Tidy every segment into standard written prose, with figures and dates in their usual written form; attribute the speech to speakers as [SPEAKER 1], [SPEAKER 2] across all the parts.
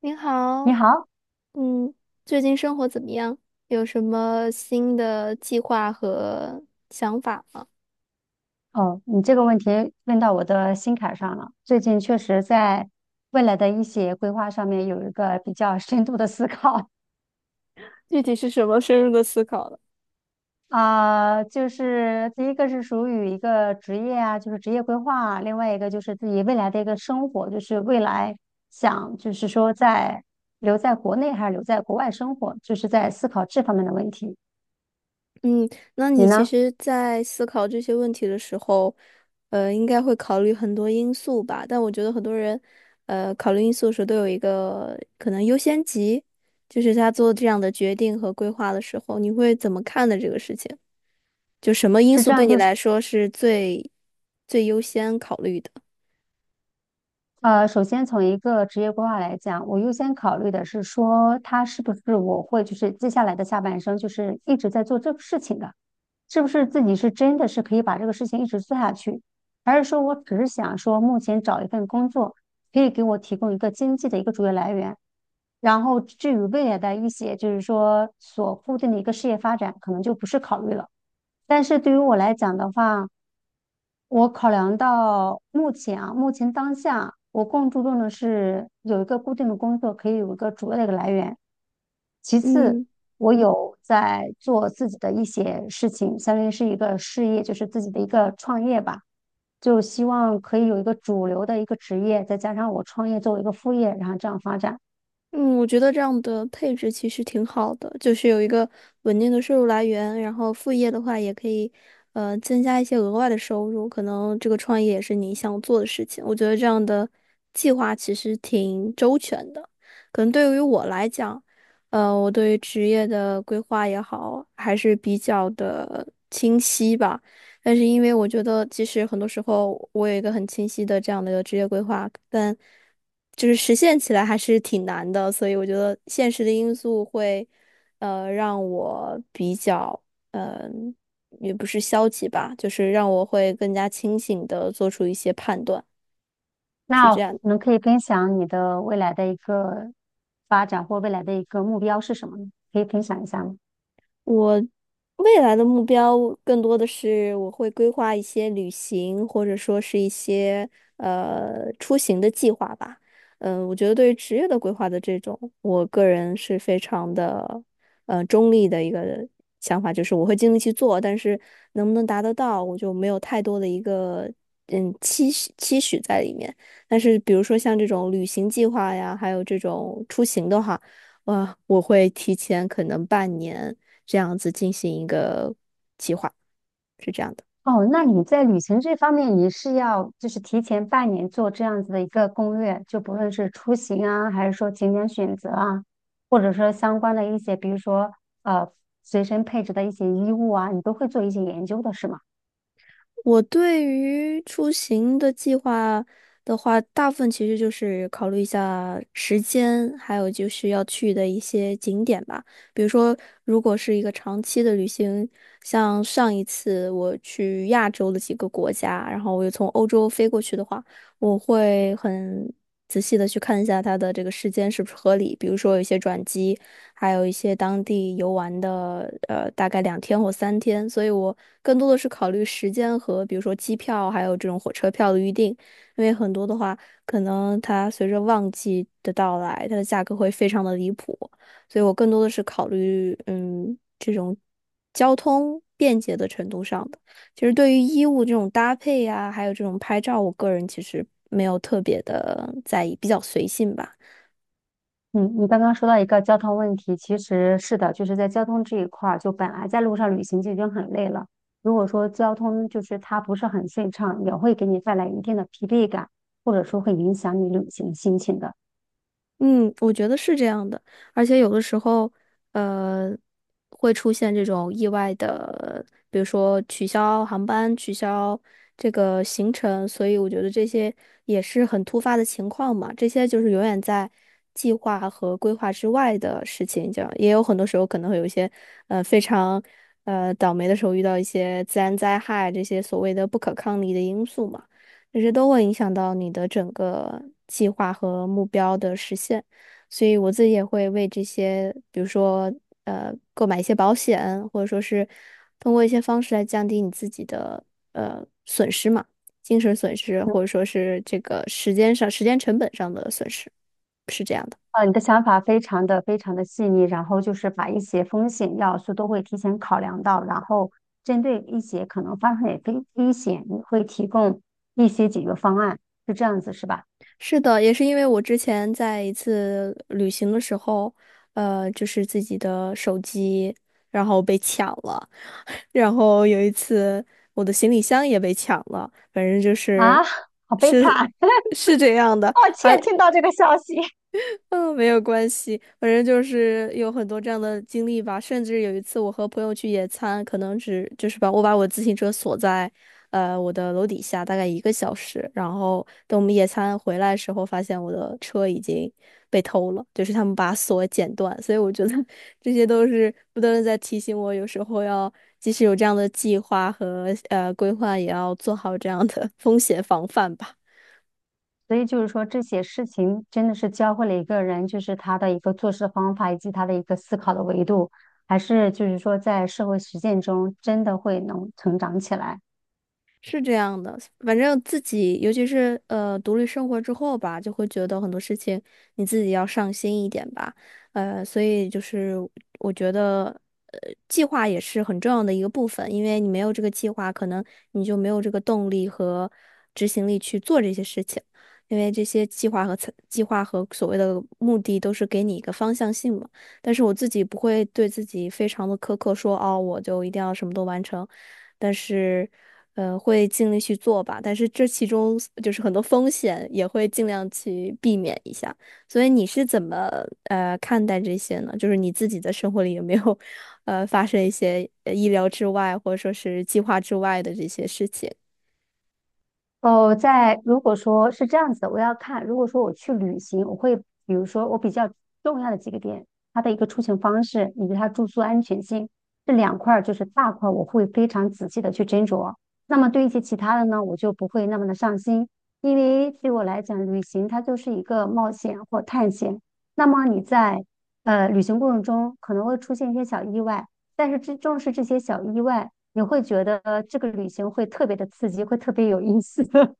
[SPEAKER 1] 您
[SPEAKER 2] 你
[SPEAKER 1] 好，
[SPEAKER 2] 好，
[SPEAKER 1] 嗯，最近生活怎么样？有什么新的计划和想法吗？
[SPEAKER 2] 哦，你这个问题问到我的心坎上了。最近确实在未来的一些规划上面有一个比较深度的思考。
[SPEAKER 1] 具体是什么深入的思考了？
[SPEAKER 2] 第一个是属于一个职业啊，就是职业规划啊；另外一个就是自己未来的一个生活，就是未来想就是说在留在国内还是留在国外生活，就是在思考这方面的问题。
[SPEAKER 1] 嗯，那
[SPEAKER 2] 你
[SPEAKER 1] 你其
[SPEAKER 2] 呢？
[SPEAKER 1] 实，在思考这些问题的时候，应该会考虑很多因素吧？但我觉得很多人，考虑因素的时候都有一个可能优先级，就是他做这样的决定和规划的时候，你会怎么看的这个事情？就什么因
[SPEAKER 2] 是
[SPEAKER 1] 素
[SPEAKER 2] 这
[SPEAKER 1] 对
[SPEAKER 2] 样，
[SPEAKER 1] 你
[SPEAKER 2] 就是
[SPEAKER 1] 来说是最优先考虑的？
[SPEAKER 2] 首先从一个职业规划来讲，我优先考虑的是说，他是不是我会就是接下来的下半生就是一直在做这个事情的，是不是自己是真的是可以把这个事情一直做下去，还是说我只是想说目前找一份工作可以给我提供一个经济的一个主要来源，然后至于未来的一些，就是说所固定的一个事业发展，可能就不是考虑了。但是对于我来讲的话，我考量到目前啊，目前当下，我更注重的是有一个固定的工作，可以有一个主要的一个来源。其次，
[SPEAKER 1] 嗯。
[SPEAKER 2] 我有在做自己的一些事情，相当于是一个事业，就是自己的一个创业吧。就希望可以有一个主流的一个职业，再加上我创业作为一个副业，然后这样发展。
[SPEAKER 1] 嗯，我觉得这样的配置其实挺好的，就是有一个稳定的收入来源，然后副业的话也可以，增加一些额外的收入，可能这个创业也是你想做的事情。我觉得这样的计划其实挺周全的，可能对于我来讲，我对于职业的规划也好，还是比较的清晰吧。但是因为我觉得，其实很多时候我有一个很清晰的这样的一个职业规划，但就是实现起来还是挺难的，所以我觉得现实的因素会，让我比较，嗯、也不是消极吧，就是让我会更加清醒的做出一些判断。
[SPEAKER 2] 那我们可以分享你的未来的一个发展或未来的一个目标是什么呢？可以分享一下吗？
[SPEAKER 1] 未来的目标更多的是我会规划一些旅行，或者说是一些出行的计划吧。嗯、我觉得对于职业的规划的这种，我个人是非常的中立的一个想法，就是我会尽力去做，但是能不能达得到，我就没有太多的一个期许在里面。但是比如说像这种旅行计划呀，还有这种出行的话。哇，我会提前可能半年这样子进行一个计划，是这样的。
[SPEAKER 2] 哦，那你在旅行这方面，你是要就是提前半年做这样子的一个攻略，就不论是出行啊，还是说景点选择啊，或者说相关的一些，比如说呃随身配置的一些衣物啊，你都会做一些研究的，是吗？
[SPEAKER 1] 我对于出行的计划的话，大部分其实就是考虑一下时间，还有就是要去的一些景点吧。比如说，如果是一个长期的旅行，像上一次我去亚洲的几个国家，然后我又从欧洲飞过去的话，我会很仔细的去看一下它的这个时间是不是合理，比如说有一些转机。还有一些当地游玩的，呃，大概两天或三天，所以我更多的是考虑时间和比如说机票，还有这种火车票的预订，因为很多的话，可能它随着旺季的到来，它的价格会非常的离谱，所以我更多的是考虑，嗯，这种交通便捷的程度上的。其实对于衣物这种搭配呀、还有这种拍照，我个人其实没有特别的在意，比较随性吧。
[SPEAKER 2] 嗯，你刚刚说到一个交通问题，其实是的，就是在交通这一块儿，就本来在路上旅行就已经很累了，如果说交通就是它不是很顺畅，也会给你带来一定的疲惫感，或者说会影响你旅行心情的。
[SPEAKER 1] 嗯，我觉得是这样的，而且有的时候，呃，会出现这种意外的，比如说取消航班、取消这个行程，所以我觉得这些也是很突发的情况嘛，这些就是永远在计划和规划之外的事情，这样也有很多时候可能会有一些，非常，倒霉的时候遇到一些自然灾害这些所谓的不可抗力的因素嘛。这些都会影响到你的整个计划和目标的实现。所以我自己也会为这些，比如说购买一些保险，或者说是通过一些方式来降低你自己的损失嘛，精神损失，或者说是这个时间上、时间成本上的损失，是这样的。
[SPEAKER 2] 你的想法非常的非常的细腻，然后就是把一些风险要素都会提前考量到，然后针对一些可能发生的危险，你会提供一些解决方案，是这样子是吧？
[SPEAKER 1] 是的，也是因为我之前在一次旅行的时候，就是自己的手机，然后被抢了，然后有一次我的行李箱也被抢了，反正就是
[SPEAKER 2] 啊，好悲
[SPEAKER 1] 是
[SPEAKER 2] 惨，
[SPEAKER 1] 是这样的，
[SPEAKER 2] 抱
[SPEAKER 1] 还
[SPEAKER 2] 歉听到这个消息。
[SPEAKER 1] 嗯，没有关系，反正就是有很多这样的经历吧。甚至有一次，我和朋友去野餐，可能只就是把我自行车锁在，我的楼底下大概一个小时，然后等我们野餐回来的时候，发现我的车已经被偷了，就是他们把锁剪断。所以我觉得 这些都是不断的在提醒我，有时候要即使有这样的计划和规划，也要做好这样的 风险防范吧。
[SPEAKER 2] 所以就是说，这些事情真的是教会了一个人，就是他的一个做事的方法，以及他的一个思考的维度，还是就是说在社会实践中真的会能成长起来。
[SPEAKER 1] 是这样的，反正自己，尤其是独立生活之后吧，就会觉得很多事情你自己要上心一点吧，所以就是我觉得，呃，计划也是很重要的一个部分，因为你没有这个计划，可能你就没有这个动力和执行力去做这些事情，因为这些计划和所谓的目的都是给你一个方向性嘛。但是我自己不会对自己非常的苛刻说，哦，我就一定要什么都完成。但是，会尽力去做吧。但是这其中就是很多风险，也会尽量去避免一下。所以你是怎么看待这些呢？就是你自己的生活里有没有发生一些意料之外，或者说是计划之外的这些事情？
[SPEAKER 2] 哦，在如果说是这样子的，我要看。如果说我去旅行，我会比如说我比较重要的几个点，它的一个出行方式以及它住宿安全性这两块，就是大块，我会非常仔细的去斟酌。那么对一些其他的呢，我就不会那么的上心，因为对我来讲，旅行它就是一个冒险或探险。那么你在旅行过程中可能会出现一些小意外，但是这正是这些小意外。你会觉得这个旅行会特别的刺激，会特别有意思。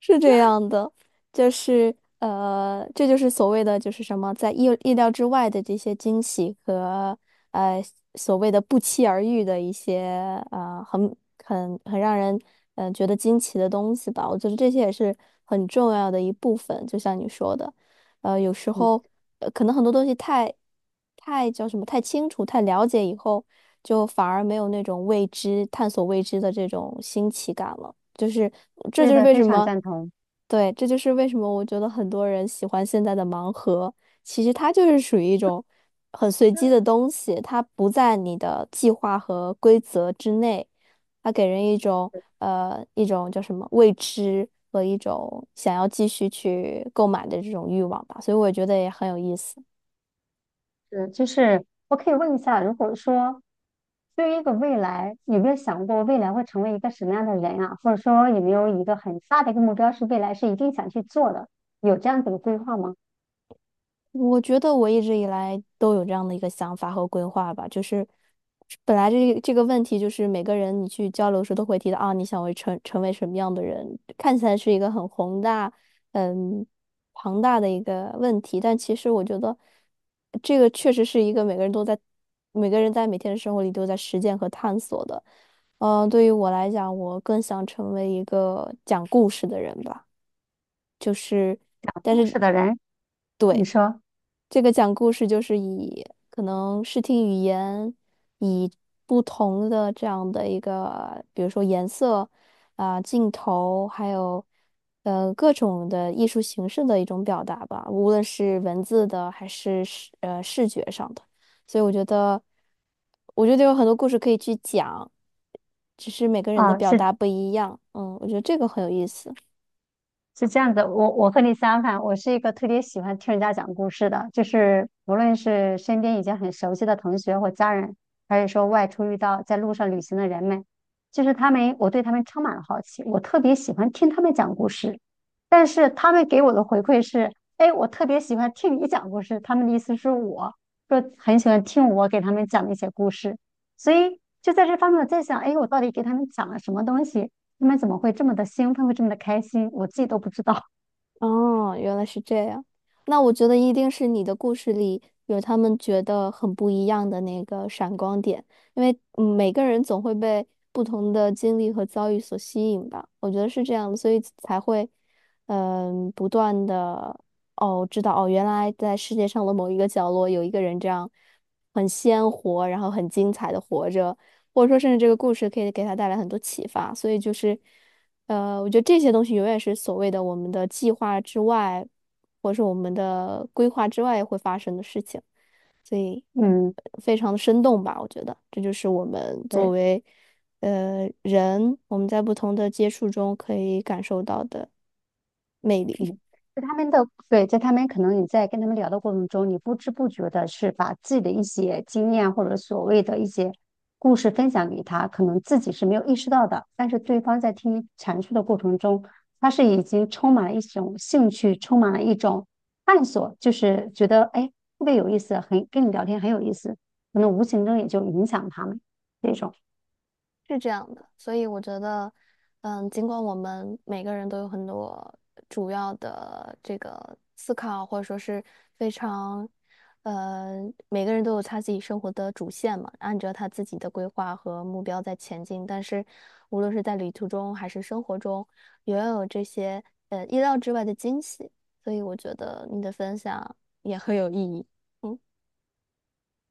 [SPEAKER 1] 是这样的，就是这就是所谓的就是什么，在意料之外的这些惊喜和呃所谓的不期而遇的一些很很让人觉得惊奇的东西吧。我觉得这些也是很重要的一部分，就像你说的。呃，有时
[SPEAKER 2] 嗯，
[SPEAKER 1] 候可能很多东西太叫什么太清楚、太了解以后，就反而没有那种未知、探索未知的这种新奇感了。就是这
[SPEAKER 2] 对
[SPEAKER 1] 就是
[SPEAKER 2] 的，
[SPEAKER 1] 为什
[SPEAKER 2] 非常
[SPEAKER 1] 么，
[SPEAKER 2] 赞同。
[SPEAKER 1] 对，这就是为什么我觉得很多人喜欢现在的盲盒，其实它就是属于一种很随机的东西，它不在你的计划和规则之内。它给人一种一种叫什么未知和一种想要继续去购买的这种欲望吧，所以我觉得也很有意思。
[SPEAKER 2] 嗯，就是我可以问一下，如果说对于一个未来，有没有想过未来会成为一个什么样的人啊？或者说有没有一个很大的一个目标是未来是一定想去做的？有这样子的规划吗？
[SPEAKER 1] 我觉得我一直以来都有这样的一个想法和规划吧，就是本来这个问题就是每个人你去交流的时候都会提到啊，你想为成为什么样的人，看起来是一个很宏大、嗯庞大的一个问题，但其实我觉得这个确实是一个每个人在每天的生活里都在实践和探索的。呃，对于我来讲，我更想成为一个讲故事的人吧。就是。
[SPEAKER 2] 讲故事的人，你
[SPEAKER 1] 对。
[SPEAKER 2] 说
[SPEAKER 1] 这个讲故事就是以可能视听语言，以不同的这样的一个，比如说颜色啊、镜头，还有各种的艺术形式的一种表达吧，无论是文字的还是视觉上的。所以我觉得，我觉得有很多故事可以去讲，只是每个人的
[SPEAKER 2] 啊，
[SPEAKER 1] 表
[SPEAKER 2] 是
[SPEAKER 1] 达不一样。嗯，我觉得这个很有意思。
[SPEAKER 2] 是这样子，我和你相反，我是一个特别喜欢听人家讲故事的，就是无论是身边已经很熟悉的同学或家人，还是说外出遇到在路上旅行的人们，就是他们，我对他们充满了好奇，我特别喜欢听他们讲故事。但是他们给我的回馈是，哎，我特别喜欢听你讲故事。他们的意思是我说很喜欢听我给他们讲的一些故事，所以就在这方面我在想，哎，我到底给他们讲了什么东西？他们怎么会这么的兴奋，会这么的开心，我自己都不知道。
[SPEAKER 1] 哦，原来是这样。那我觉得一定是你的故事里有他们觉得很不一样的那个闪光点，因为每个人总会被不同的经历和遭遇所吸引吧。我觉得是这样的所以才会不断的哦知道哦，原来在世界上的某一个角落有一个人这样很鲜活，然后很精彩的活着，或者说甚至这个故事可以给他带来很多启发。所以就是。呃，我觉得这些东西永远是所谓的我们的计划之外，或者是我们的规划之外会发生的事情，所以
[SPEAKER 2] 嗯
[SPEAKER 1] 非常的生动吧，我觉得这就是我 们作
[SPEAKER 2] 对，
[SPEAKER 1] 为人，我们在不同的接触中可以感受到的魅力。
[SPEAKER 2] 嗯，在他们的，对，在他们可能你在跟他们聊的过程中，你不知不觉的是把自己的一些经验或者所谓的一些故事分享给他，可能自己是没有意识到的，但是对方在听你阐述的过程中，他是已经充满了一种兴趣，充满了一种探索，就是觉得哎，特别有意思，很跟你聊天很有意思，可能无形中也就影响他们这种。
[SPEAKER 1] 是这样的，所以我觉得，嗯，尽管我们每个人都有很多主要的这个思考，或者说是非常，呃，每个人都有他自己生活的主线嘛，按照他自己的规划和目标在前进。但是，无论是在旅途中还是生活中，也要有这些意料之外的惊喜。所以，我觉得你的分享也很有意义。嗯，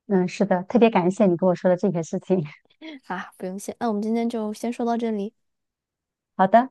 [SPEAKER 2] 嗯，是的，特别感谢你跟我说的这些事情。
[SPEAKER 1] 啊，不用谢，那我们今天就先说到这里。
[SPEAKER 2] 好的。